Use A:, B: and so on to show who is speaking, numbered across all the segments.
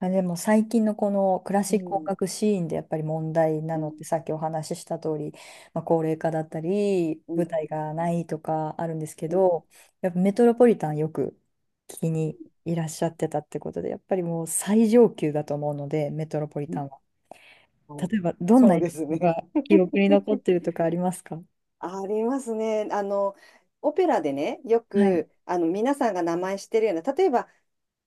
A: あ、でも最近のこのクラ
B: う
A: シック音
B: ん、
A: 楽シーンでやっぱり問題な
B: う
A: の
B: ん、
A: ってさっきお話しした通り、まあ、高齢化だったり
B: うん、
A: 舞台がないとかあるんですけ
B: うん、
A: ど、やっぱメトロポリタンよく聞き
B: う
A: にいらっしゃってたってことで、やっぱりもう最上級だと思うのでメトロポリ
B: ん、
A: タンは。
B: はい。
A: 例えばどんな
B: そうで
A: 演
B: す
A: 奏
B: ね。
A: が記憶に残ってるとかありますか？
B: ありますね。オペラでね、よ
A: はい
B: く、皆さんが名前知ってるような、例えば、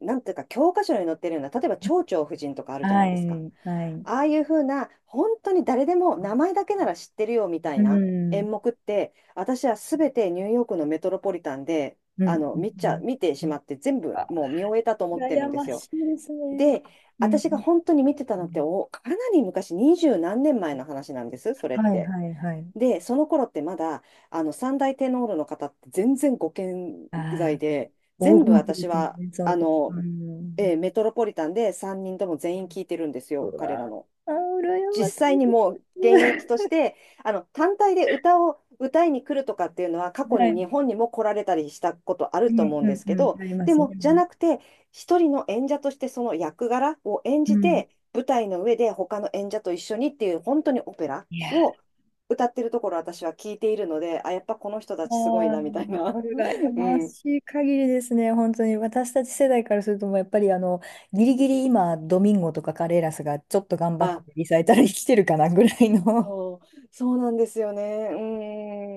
B: なんていうか、教科書に載ってるような、例えば、蝶々夫人とかあるじゃな
A: は
B: いですか。
A: いはい。
B: ああいうふうな、本当に誰でも名前だけなら知ってるよみたい
A: う
B: な演
A: ん
B: 目って、私はすべてニューヨークのメトロポリタンで、
A: うんう
B: 見ちゃ、
A: ん。
B: 見てしまって、全部
A: あ、
B: もう見終えたと思ってる
A: 羨
B: んで
A: ま
B: すよ。
A: しいですね。
B: で、
A: うん。
B: 私が本当に見てたのってかなり昔、二十何年前の話なんです、それっ
A: はい
B: て。
A: はいはい。
B: で、その頃ってまだ、三大テノールの方って全然ご健
A: あ
B: 在
A: あ、
B: で、
A: 黄
B: 全部
A: 金期で
B: 私
A: すね、
B: は、
A: その頃。うん。
B: メトロポリタンで3人とも全員聞いてるんですよ、
A: う
B: 彼
A: わあ、
B: らの。
A: ああ、羨
B: 実
A: まし
B: 際
A: い
B: に
A: で
B: もう
A: す。
B: 現役 として、単体で歌を歌いに来るとかっていうのは、過去
A: は
B: に
A: い。
B: 日本にも来られたりしたことあ
A: う
B: ると
A: ん
B: 思うん
A: う
B: で
A: ん
B: すけ
A: うん。
B: ど、
A: ありま
B: で
A: すね。
B: も、じゃなくて、一人の演者としてその役柄を演
A: う
B: じ
A: ん。
B: て、舞台の上で他の演者と一緒にっていう、本当にオペラ
A: いや
B: を
A: ー、
B: 歌ってるところ私は聞いているので、あ、やっぱこの人
A: あ
B: たちすごいな、みたい
A: ー、
B: な。
A: 羨
B: う
A: ま
B: ん。
A: しい限りですね、本当に。私たち世代からすると、もうやっぱりギリギリ今、ドミンゴとかカレーラスがちょっと頑張って
B: あ、
A: リサイタルに来てるかなぐらいの、
B: そう、そうなんですよね。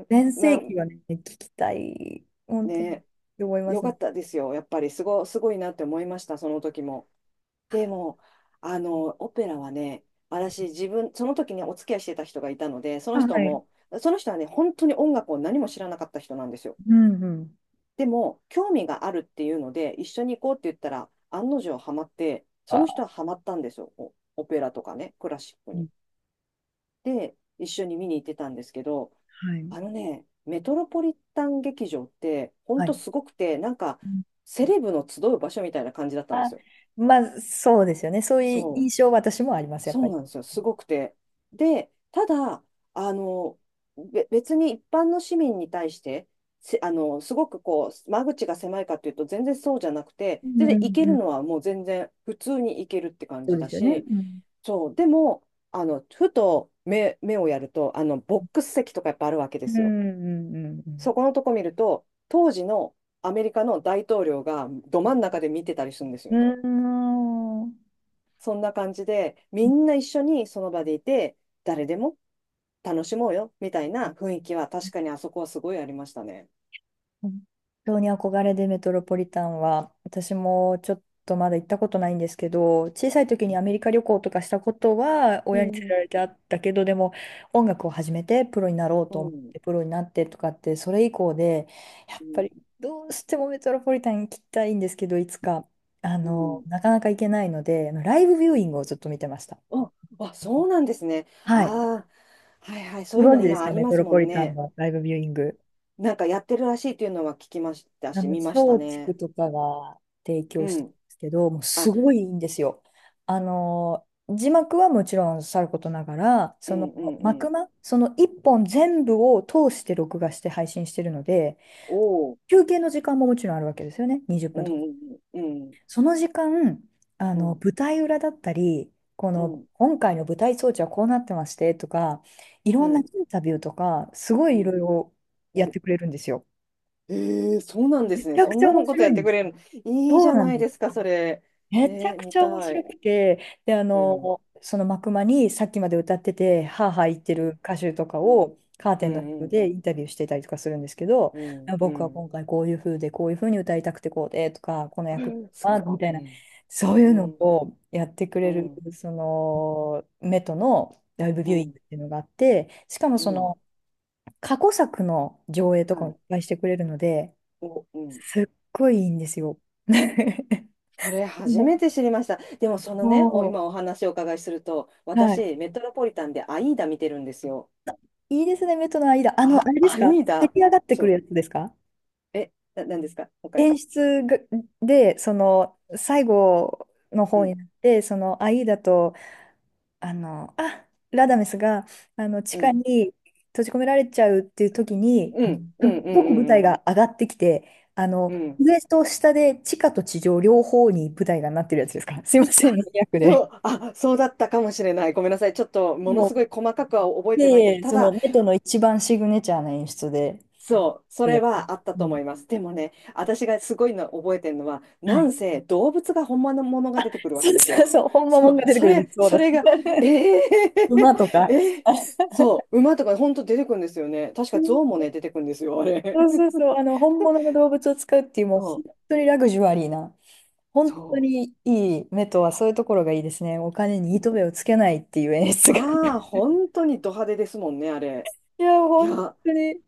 A: 全
B: うー
A: 盛
B: ん。
A: 期はね、聞きたい、本当に、っ
B: ね。
A: て思いま
B: よ
A: す
B: か
A: ね。
B: ったですよ。やっぱりすごいなって思いました、その時も。でも、オペラはね、私、自分、その時にお付き合いしてた人がいたので、そ
A: あ、
B: の人
A: はい。
B: も、その人はね、本当に音楽を何も知らなかった人なんですよ。
A: うんうん。
B: でも、興味があるっていうので、一緒に行こうって言ったら、案の定ハマって、その人
A: あ、
B: はハマったんですよ。オペラとかね、クラシック
A: う
B: に。
A: ん、
B: で、一緒に見に行ってたんですけど、
A: はい。
B: メトロポリタン劇場って、ほん
A: は
B: と
A: い。
B: すごくて、なんか、セレブの集う場所みたいな感じだったんで
A: あ、
B: すよ。
A: まあ、そうですよね。そういう
B: そ
A: 印
B: う、
A: 象は私もあります、やっ
B: そ
A: ぱ
B: う
A: り。
B: なんですよ。すごくて。で、ただ、あの、別に一般の市民に対して、せあの、すごくこう、間口が狭いかっていうと、全然そうじゃなくて、
A: うん
B: 全
A: う
B: 然行け
A: ん
B: る
A: う
B: の
A: ん。
B: はもう全然普通に行けるって感
A: そう
B: じ
A: で
B: だ
A: すよね。
B: し、
A: うん。
B: そう、でも、ふと目をやると、ボックス席とかやっぱあるわけで
A: うんう
B: すよ。
A: んう
B: そ
A: ん
B: このとこ見ると、当時のアメリカの大統領がど真ん中で見てたりするんです
A: う
B: よ。
A: ん。うーん。
B: そんな感じで、みんな一緒にその場でいて、誰でも楽しもうよみたいな雰囲気は確かにあそこはすごいありましたね。
A: 本当に憧れでメトロポリタンは、私もちょっとまだ行ったことないんですけど、小さい時にアメリカ旅行とかしたことは
B: う
A: 親に連れ
B: ん。
A: られてあったけど、でも音楽を始めてプロになろう
B: う
A: と思っ
B: ん、
A: てプロになってとかって、それ以降で、やっ
B: う
A: ぱ
B: ん、
A: りどうしてもメトロポリタン行きたいんですけど、いつか、
B: うん、
A: なかなか行けないので、あのライブビューイングをずっと見てました。
B: あ、あ、そうなんですね。
A: はい。
B: ああ、はいはい、そ
A: ご
B: ういう
A: 存
B: の
A: 知です
B: 今あ
A: か、
B: り
A: メ
B: ま
A: ト
B: す
A: ロ
B: も
A: ポ
B: ん
A: リタン
B: ね。
A: のライブビューイング。
B: なんかやってるらしいというのは聞きましたし、見ました
A: 松竹
B: ね。
A: とかが提
B: う
A: 供してるん
B: ん。
A: ですけど、もう
B: あ、
A: すごいいいんですよ。字幕はもちろんさることながら、
B: う
A: その
B: ん、うん、う
A: 幕
B: ん。
A: 間、その一本全部を通して録画して配信してるので、
B: おお。
A: 休憩の時間ももちろんあるわけですよね、20
B: う
A: 分とか。
B: ん、うん、
A: その時間、
B: うん、
A: 舞台裏だったり、こ
B: う
A: の、
B: ん、
A: 今回の舞台装置はこうなってましてとか、い
B: う
A: ろんなイ
B: ん、
A: ンタビューとか、すご
B: う
A: いいろい
B: ん、
A: ろやっ
B: お、
A: てくれるんですよ。
B: ええ、そうなんで
A: め
B: す
A: ち
B: ね。
A: ゃ
B: そ
A: く
B: ん
A: ちゃ
B: な
A: 面
B: のこと
A: 白
B: や
A: い
B: っ
A: ん
B: て
A: で
B: く
A: す。
B: れるの。いいじ
A: そう
B: ゃ
A: な
B: な
A: ん
B: い
A: で
B: で
A: す。
B: すか、それ。え
A: めちゃ
B: え、
A: く
B: 見
A: ちゃ面
B: た
A: 白
B: い。
A: くて、で、
B: うん、う
A: その幕間にさっきまで歌ってて、ハーハー言ってる
B: ん、
A: 歌手とか
B: うん、
A: をカー
B: う
A: テンの人
B: ん、
A: でインタビューしてたりとかするんですけど、
B: うん、う
A: 僕は
B: ん。
A: 今回こういう風で、こういう風に歌いたくてこうでとか、この
B: う
A: 役
B: ん、す
A: は
B: ご
A: みた
B: い。
A: い
B: う
A: な、そういうの
B: ん、うん、
A: をやってく
B: う
A: れる、
B: ん、
A: その、メトのライブ
B: う
A: ビューイン
B: ん、
A: グっていうのがあって、しかも
B: う
A: そ
B: ん。
A: の、過去作の上映と
B: は
A: かもいっ
B: い。
A: ぱいしてくれるので、
B: うん。
A: すっごいいいんですよ。
B: それ初めて知りました。でも
A: も
B: 今お話をお伺いすると、
A: う、はい。
B: 私、メトロポリタンでアイーダ見てるんですよ。
A: いいですね、目との間。
B: あ、
A: あれです
B: アイ
A: か、
B: ー
A: 出
B: ダ。
A: 来上がってく
B: そ
A: る
B: う。
A: やつですか？
B: え、なんですか、他。
A: 演出がで、その、最後の
B: う
A: 方
B: ん、
A: になって、その、アイーダと、ラダメスが、地
B: う
A: 下
B: ん、
A: に閉じ込められちゃうっていう時に、
B: うん、
A: す
B: う
A: っ
B: ん、うん、う
A: ごく舞
B: ん、う
A: 台
B: ん。
A: が上がってきて、
B: うん、
A: 上と下で地下と地上両方に舞台がなってるやつですか？すいませ
B: あ、
A: ん、マニアックで。
B: そう、あ、そうだったかもしれない。ごめんなさい。ちょっと、もの
A: も
B: すご
A: う、
B: い細かくは覚えてないけど、
A: で
B: た
A: その、
B: だ、
A: メトの一番シグネチャーな演出で、
B: そう、そ
A: そ
B: れ
A: れ。
B: はあった
A: う
B: と思
A: ん、
B: います。でもね、私がすごいの覚えてるのは、
A: は
B: な
A: い、
B: んせ動物が本物のものが出てくるわ
A: そう
B: けです
A: そう
B: よ。
A: そう、ほんま
B: そ
A: もんが
B: う、
A: 出て
B: そ
A: くるんで
B: れ、
A: す。そう
B: そ
A: だ。
B: れが、えー、
A: 馬と か。あ、
B: そう、馬とか本当出てくるんですよね。確か象もね、出てくるんですよ、あれ。
A: そうそうそう、本物の動物を使うっていう、もう
B: そ
A: 本
B: う、
A: 当にラグジュアリーな、本当
B: そ
A: にいい目とはそういうところがいいですね。お金に糸
B: う。
A: 目をつけないっていう演出が。
B: ああ、
A: い
B: 本当にド派手ですもんね、あれ。
A: や、
B: い
A: 本
B: や、
A: 当に。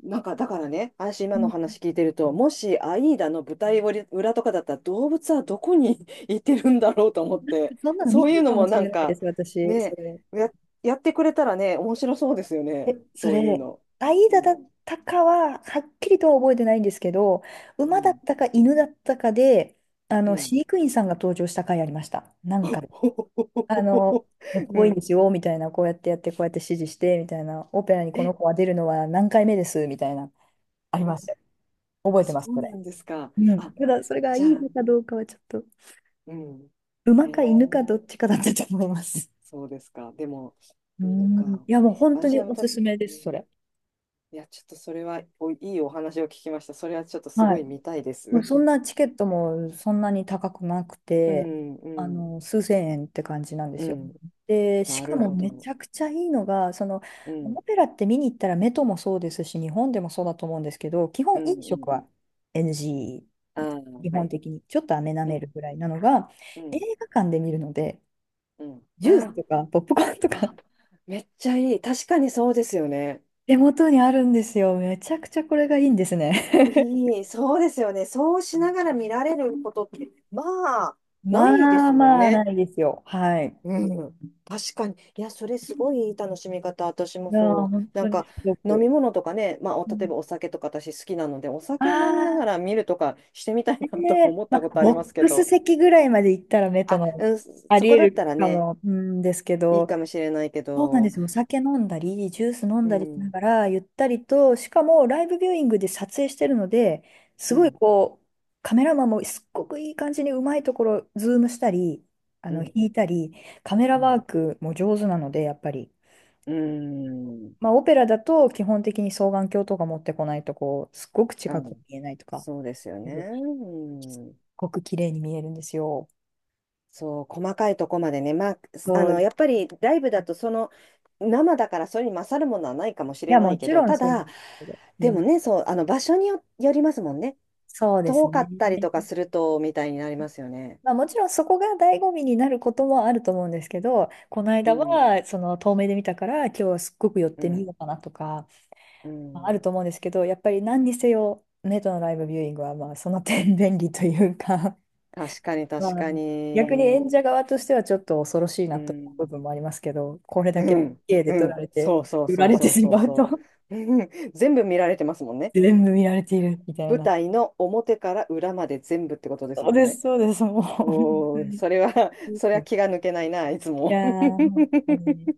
B: なんかだからね、私
A: う
B: 今の
A: ん、
B: 話聞いてると、もしアイーダの舞台裏とかだったら動物はどこに いてるんだろうと思って、
A: そんなの
B: そ
A: 見
B: うい
A: た
B: うの
A: かも
B: も
A: し
B: なん
A: れないで
B: か
A: す、私。そ
B: ね、
A: れ。
B: や、やってくれたらね、面白そうですよ
A: え、
B: ね、
A: そ
B: そういう
A: れ、
B: の。
A: アイ
B: う
A: ダだ
B: ん、
A: ったかは、はっきりとは覚えてないんですけど、
B: う
A: 馬だっ
B: ん、
A: たか犬だったかで、
B: うん。
A: 飼育員さんが登場した回ありました。なんか、あの、かっ
B: う
A: こいいんで
B: ん。
A: すよ、みたいな、こうやってやって、こうやって指示して、みたいな、オペラにこの
B: え、
A: 子は出るのは何回目です、みたいな、あります、
B: お
A: 覚えて
B: そ
A: ます、
B: う
A: そ
B: な
A: れ。
B: んですか。
A: うん。
B: あ、
A: ただ、それがい
B: じゃ
A: い
B: あ、
A: のかどうかはちょっと、
B: うん。へ
A: 馬か犬かど
B: え、
A: っちかだったと思います。
B: そうですか。でも、
A: う
B: 犬か。
A: ん。いや、もう本当
B: 私
A: に
B: が見
A: おす
B: た、
A: すめで
B: う
A: す、
B: ん、
A: それ。
B: いや、ちょっとそれはいいお話を聞きました。それはちょっとす
A: は
B: ご
A: い。
B: い見たいです。
A: もう そんなチケットもそんなに高くなく
B: う
A: て、
B: ん、うん、
A: 数千円って感じなんで
B: う
A: すよ。
B: ん。
A: で、し
B: な
A: か
B: る
A: も
B: ほ
A: めち
B: ど。
A: ゃくちゃいいのが、その、
B: うん、
A: オペラって見に行ったらメトもそうですし、日本でもそうだと思うんですけど、基
B: う
A: 本
B: ん、
A: 飲
B: う
A: 食
B: ん。
A: は
B: ああ、
A: NG、基
B: は
A: 本
B: い。
A: 的にちょっと飴舐
B: う
A: め
B: ん、
A: るぐらいなのが、
B: う
A: 映
B: ん、
A: 画館で見るので、
B: うん。
A: ジュース
B: あ
A: とかポップコーンとか
B: あ、あ、めっちゃいい。確かにそうですよね。
A: 手元にあるんですよ。めちゃくちゃこれがいいんですね。
B: いい、そうですよね。そうしながら見られることって、まあ、ないで
A: まあ
B: すもん
A: まあな
B: ね。
A: いですよ。はい。
B: うん、確かに。いや、それすごいいい楽しみ方。私も
A: いやー、
B: そ
A: 本
B: う。な
A: 当
B: ん
A: に
B: か、
A: すご
B: 飲み
A: く。
B: 物とかね、まあ、例えばお酒とか私好きなので、お
A: あ
B: 酒飲みながら
A: あ、
B: 見るとかしてみたい
A: え、
B: なと
A: え
B: 思っ
A: ま
B: た
A: あ、
B: ことあり
A: ボ
B: ます
A: ッ
B: け
A: クス
B: ど。
A: 席ぐらいまで行ったら目と
B: あ、
A: の、
B: うん、
A: あ
B: そ
A: り
B: こ
A: え
B: だっ
A: る
B: たら
A: か
B: ね、
A: も、うんですけ
B: いい
A: ど、
B: かもしれないけ
A: そうなんで
B: ど、
A: すよ。お酒飲んだり、ジュース飲ん
B: う
A: だりしな
B: ん、
A: がら、ゆったりと、しかもライブビューイングで撮影してるので、
B: う
A: すごい
B: ん、
A: こう、カメラマンもすっごくいい感じにうまいところ、ズームしたり、
B: うん、
A: 引いたり、カメラ
B: う
A: ワ
B: ん、
A: ークも上手なので、やっぱり。
B: うん、
A: まあ、オペラだと基本的に双眼鏡とか持ってこないと、こう、すっごく
B: う
A: 近く
B: ん、
A: 見えないとか。
B: そうですよね。
A: すっ
B: うん、
A: ごく綺麗に見えるんですよ。
B: そう、細かいとこまでね、まあ、
A: そう。い
B: やっぱりライブだと、生だからそれに勝るものはないかもしれ
A: や、
B: な
A: も
B: いけ
A: ち
B: ど、
A: ろん
B: た
A: そうなん
B: だ、
A: ですけど。う
B: でも
A: ん。
B: ね、そう、場所よりますもんね。
A: そうです
B: 遠か
A: ね。
B: ったりとかすると、みたいになりますよね。
A: まあ、もちろんそこが醍醐味になることもあると思うんですけど、この
B: う
A: 間
B: ん、
A: はその遠目で見たから今日はすっごく寄っ
B: う
A: てみ
B: ん、
A: ようかなとか、
B: う
A: まあ、あ
B: ん。
A: ると思うんですけど、やっぱり何にせよネットのライブビューイングはまあその点便利というか、
B: 確かに、
A: ま
B: 確
A: あ、
B: か
A: 逆に
B: に。
A: 演者側としてはちょっと恐ろしい
B: う
A: なと
B: ん、
A: 思う部分もありますけど、これだ
B: う
A: け
B: ん、
A: K で
B: う
A: 撮ら
B: ん。
A: れて、
B: そうそう
A: 売
B: そ
A: ら
B: う
A: れて
B: そう
A: し
B: そう
A: まうと
B: そう。うん、全部見られてますもんね。
A: 全部見られているみたい
B: 舞
A: な。
B: 台の表から裏まで全部ってことです
A: そう
B: もん
A: です、
B: ね。
A: そうです、もう、本当
B: おー、
A: に。い
B: それは、それは気が抜けないな、いつ
A: や
B: も。
A: ー、本当に。い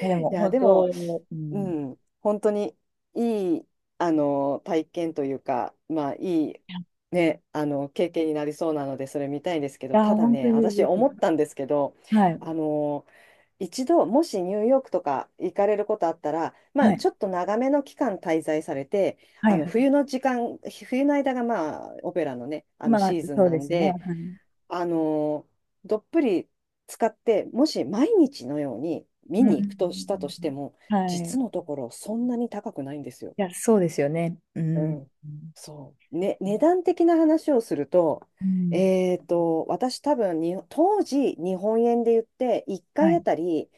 A: や、でも、
B: や、
A: 本
B: で
A: 当、
B: も、
A: う
B: う
A: ん。い
B: ん、本当にいい、体験というか、まあ、いい、ね、経験になりそうなので、それ見たいんですけど、
A: や、
B: ただ
A: 本当
B: ね、
A: に
B: 私
A: ぜひ。
B: 思ったんですけど、
A: はい、
B: あの、一度、もしニューヨークとか行かれることあったら、ま
A: は
B: あ、
A: い、
B: ちょっと長めの期間滞在されて、
A: は
B: あ
A: い、
B: の、
A: はい。
B: 冬の時間、冬の間が、まあ、オペラのね、
A: まあ、
B: シーズン
A: そう
B: な
A: で
B: ん
A: すね。は
B: で、
A: い。
B: あのどっぷり使って、もし毎日のように見
A: う
B: に行くとしたと
A: ん。
B: しても、
A: はい。
B: 実
A: い
B: のところそんなに高くないんですよ。
A: や、そうですよね。う
B: う
A: ん。
B: ん。そう。ね、値段的な話をすると、
A: うん。
B: 私多分に、当時日本円で言って1
A: は
B: 回あ
A: い、
B: たり、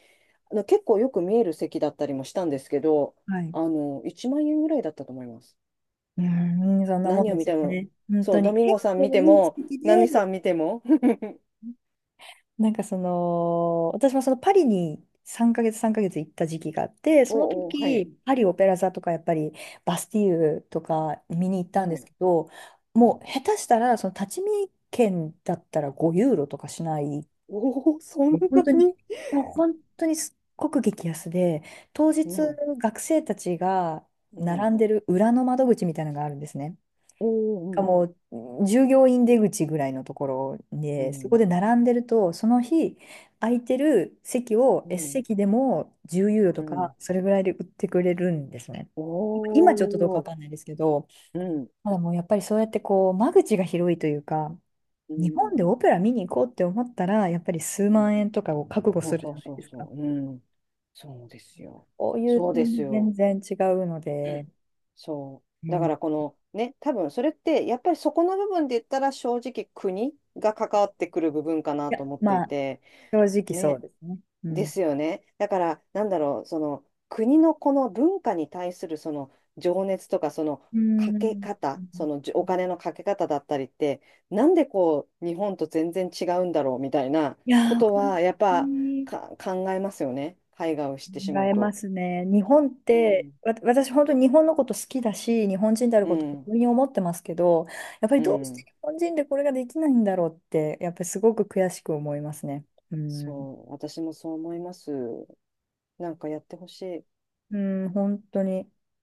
B: 結構よく見える席だったりもしたんですけど、
A: はい。
B: 1万円ぐらいだったと思います。
A: うん、そんなもん
B: 何を
A: で
B: 見
A: す
B: て
A: よ
B: も、
A: ね。本
B: そ
A: 当
B: う、ド
A: に。
B: ミン
A: 結
B: ゴさん見
A: 構
B: て
A: いい時
B: も、
A: 期
B: 何
A: で、
B: さん見ても。
A: なんかその、私もそのパリに3ヶ月行った時期があって、その
B: おうおう、はい。
A: 時、パリオペラ座とかやっぱりバスティーユとか見に行っ
B: う
A: たんです
B: ん、
A: けど、
B: う
A: も
B: ん、
A: う下手したらその立ち見券だったら5ユーロとかしない、
B: おお、そん
A: もう
B: な
A: 本当に、
B: に、
A: もう本当にすっごく激安で、当日
B: うん、
A: 学生たちが
B: うん、
A: 並んでる裏の窓口みたいなのがあるんですね。
B: お
A: か
B: ー、
A: もう従業員出口ぐらいのところ
B: う
A: で、そこ
B: ん、
A: で並んでると、その日空いてる席を
B: う
A: S
B: ん、
A: 席でも10ユーロ
B: う
A: と
B: ん、う
A: か、
B: ん、
A: それぐらいで売ってくれるんですね。
B: お
A: 今ちょっとどうかわ
B: ー、
A: かんないですけど、
B: うん、
A: ただもうやっぱりそうやってこう、間口が広いというか、
B: う
A: 日
B: ん、
A: 本でオペラ見に行こうって思ったら、やっぱり数
B: うん、
A: 万円とかを覚悟
B: そう
A: する
B: そ
A: じ
B: う
A: ゃない
B: そう
A: です
B: そ
A: か。
B: う、うん、そうですよ。
A: こういう
B: そうで
A: 点
B: す
A: に全
B: よ。
A: 然違うので、
B: そ
A: う
B: う。だ
A: ん、
B: か
A: い
B: らこのね、多分それってやっぱりそこの部分で言ったら正直国が関わってくる部分かな
A: や、
B: と思ってい
A: まあ、
B: て、
A: 正直そう
B: ね、
A: ですね。う
B: で
A: ん。
B: すよね。だから、なんだろう、その国のこの文化に対するその情熱とか、その
A: う
B: かけ
A: ん。
B: 方、そのじお金のかけ方だったりって、なんでこう、日本と全然違うんだろうみたいな
A: い
B: こ
A: やー、
B: と
A: 本
B: は、やっ
A: 当
B: ぱ
A: に
B: か考えますよね。海外を知ってし
A: 考
B: まう
A: えま
B: と。
A: すね。日本っ
B: う
A: て、
B: ん、
A: わ、私本当に日本のこと好きだし、日本人である
B: う
A: こと誇
B: ん、
A: りに思ってますけど、やっぱり
B: う
A: どうして
B: ん。
A: 日本人でこれができないんだろうって、やっぱりすごく悔しく思いますね。うん、
B: そう、私もそう思います。なんかやってほしい。
A: うん、本当に。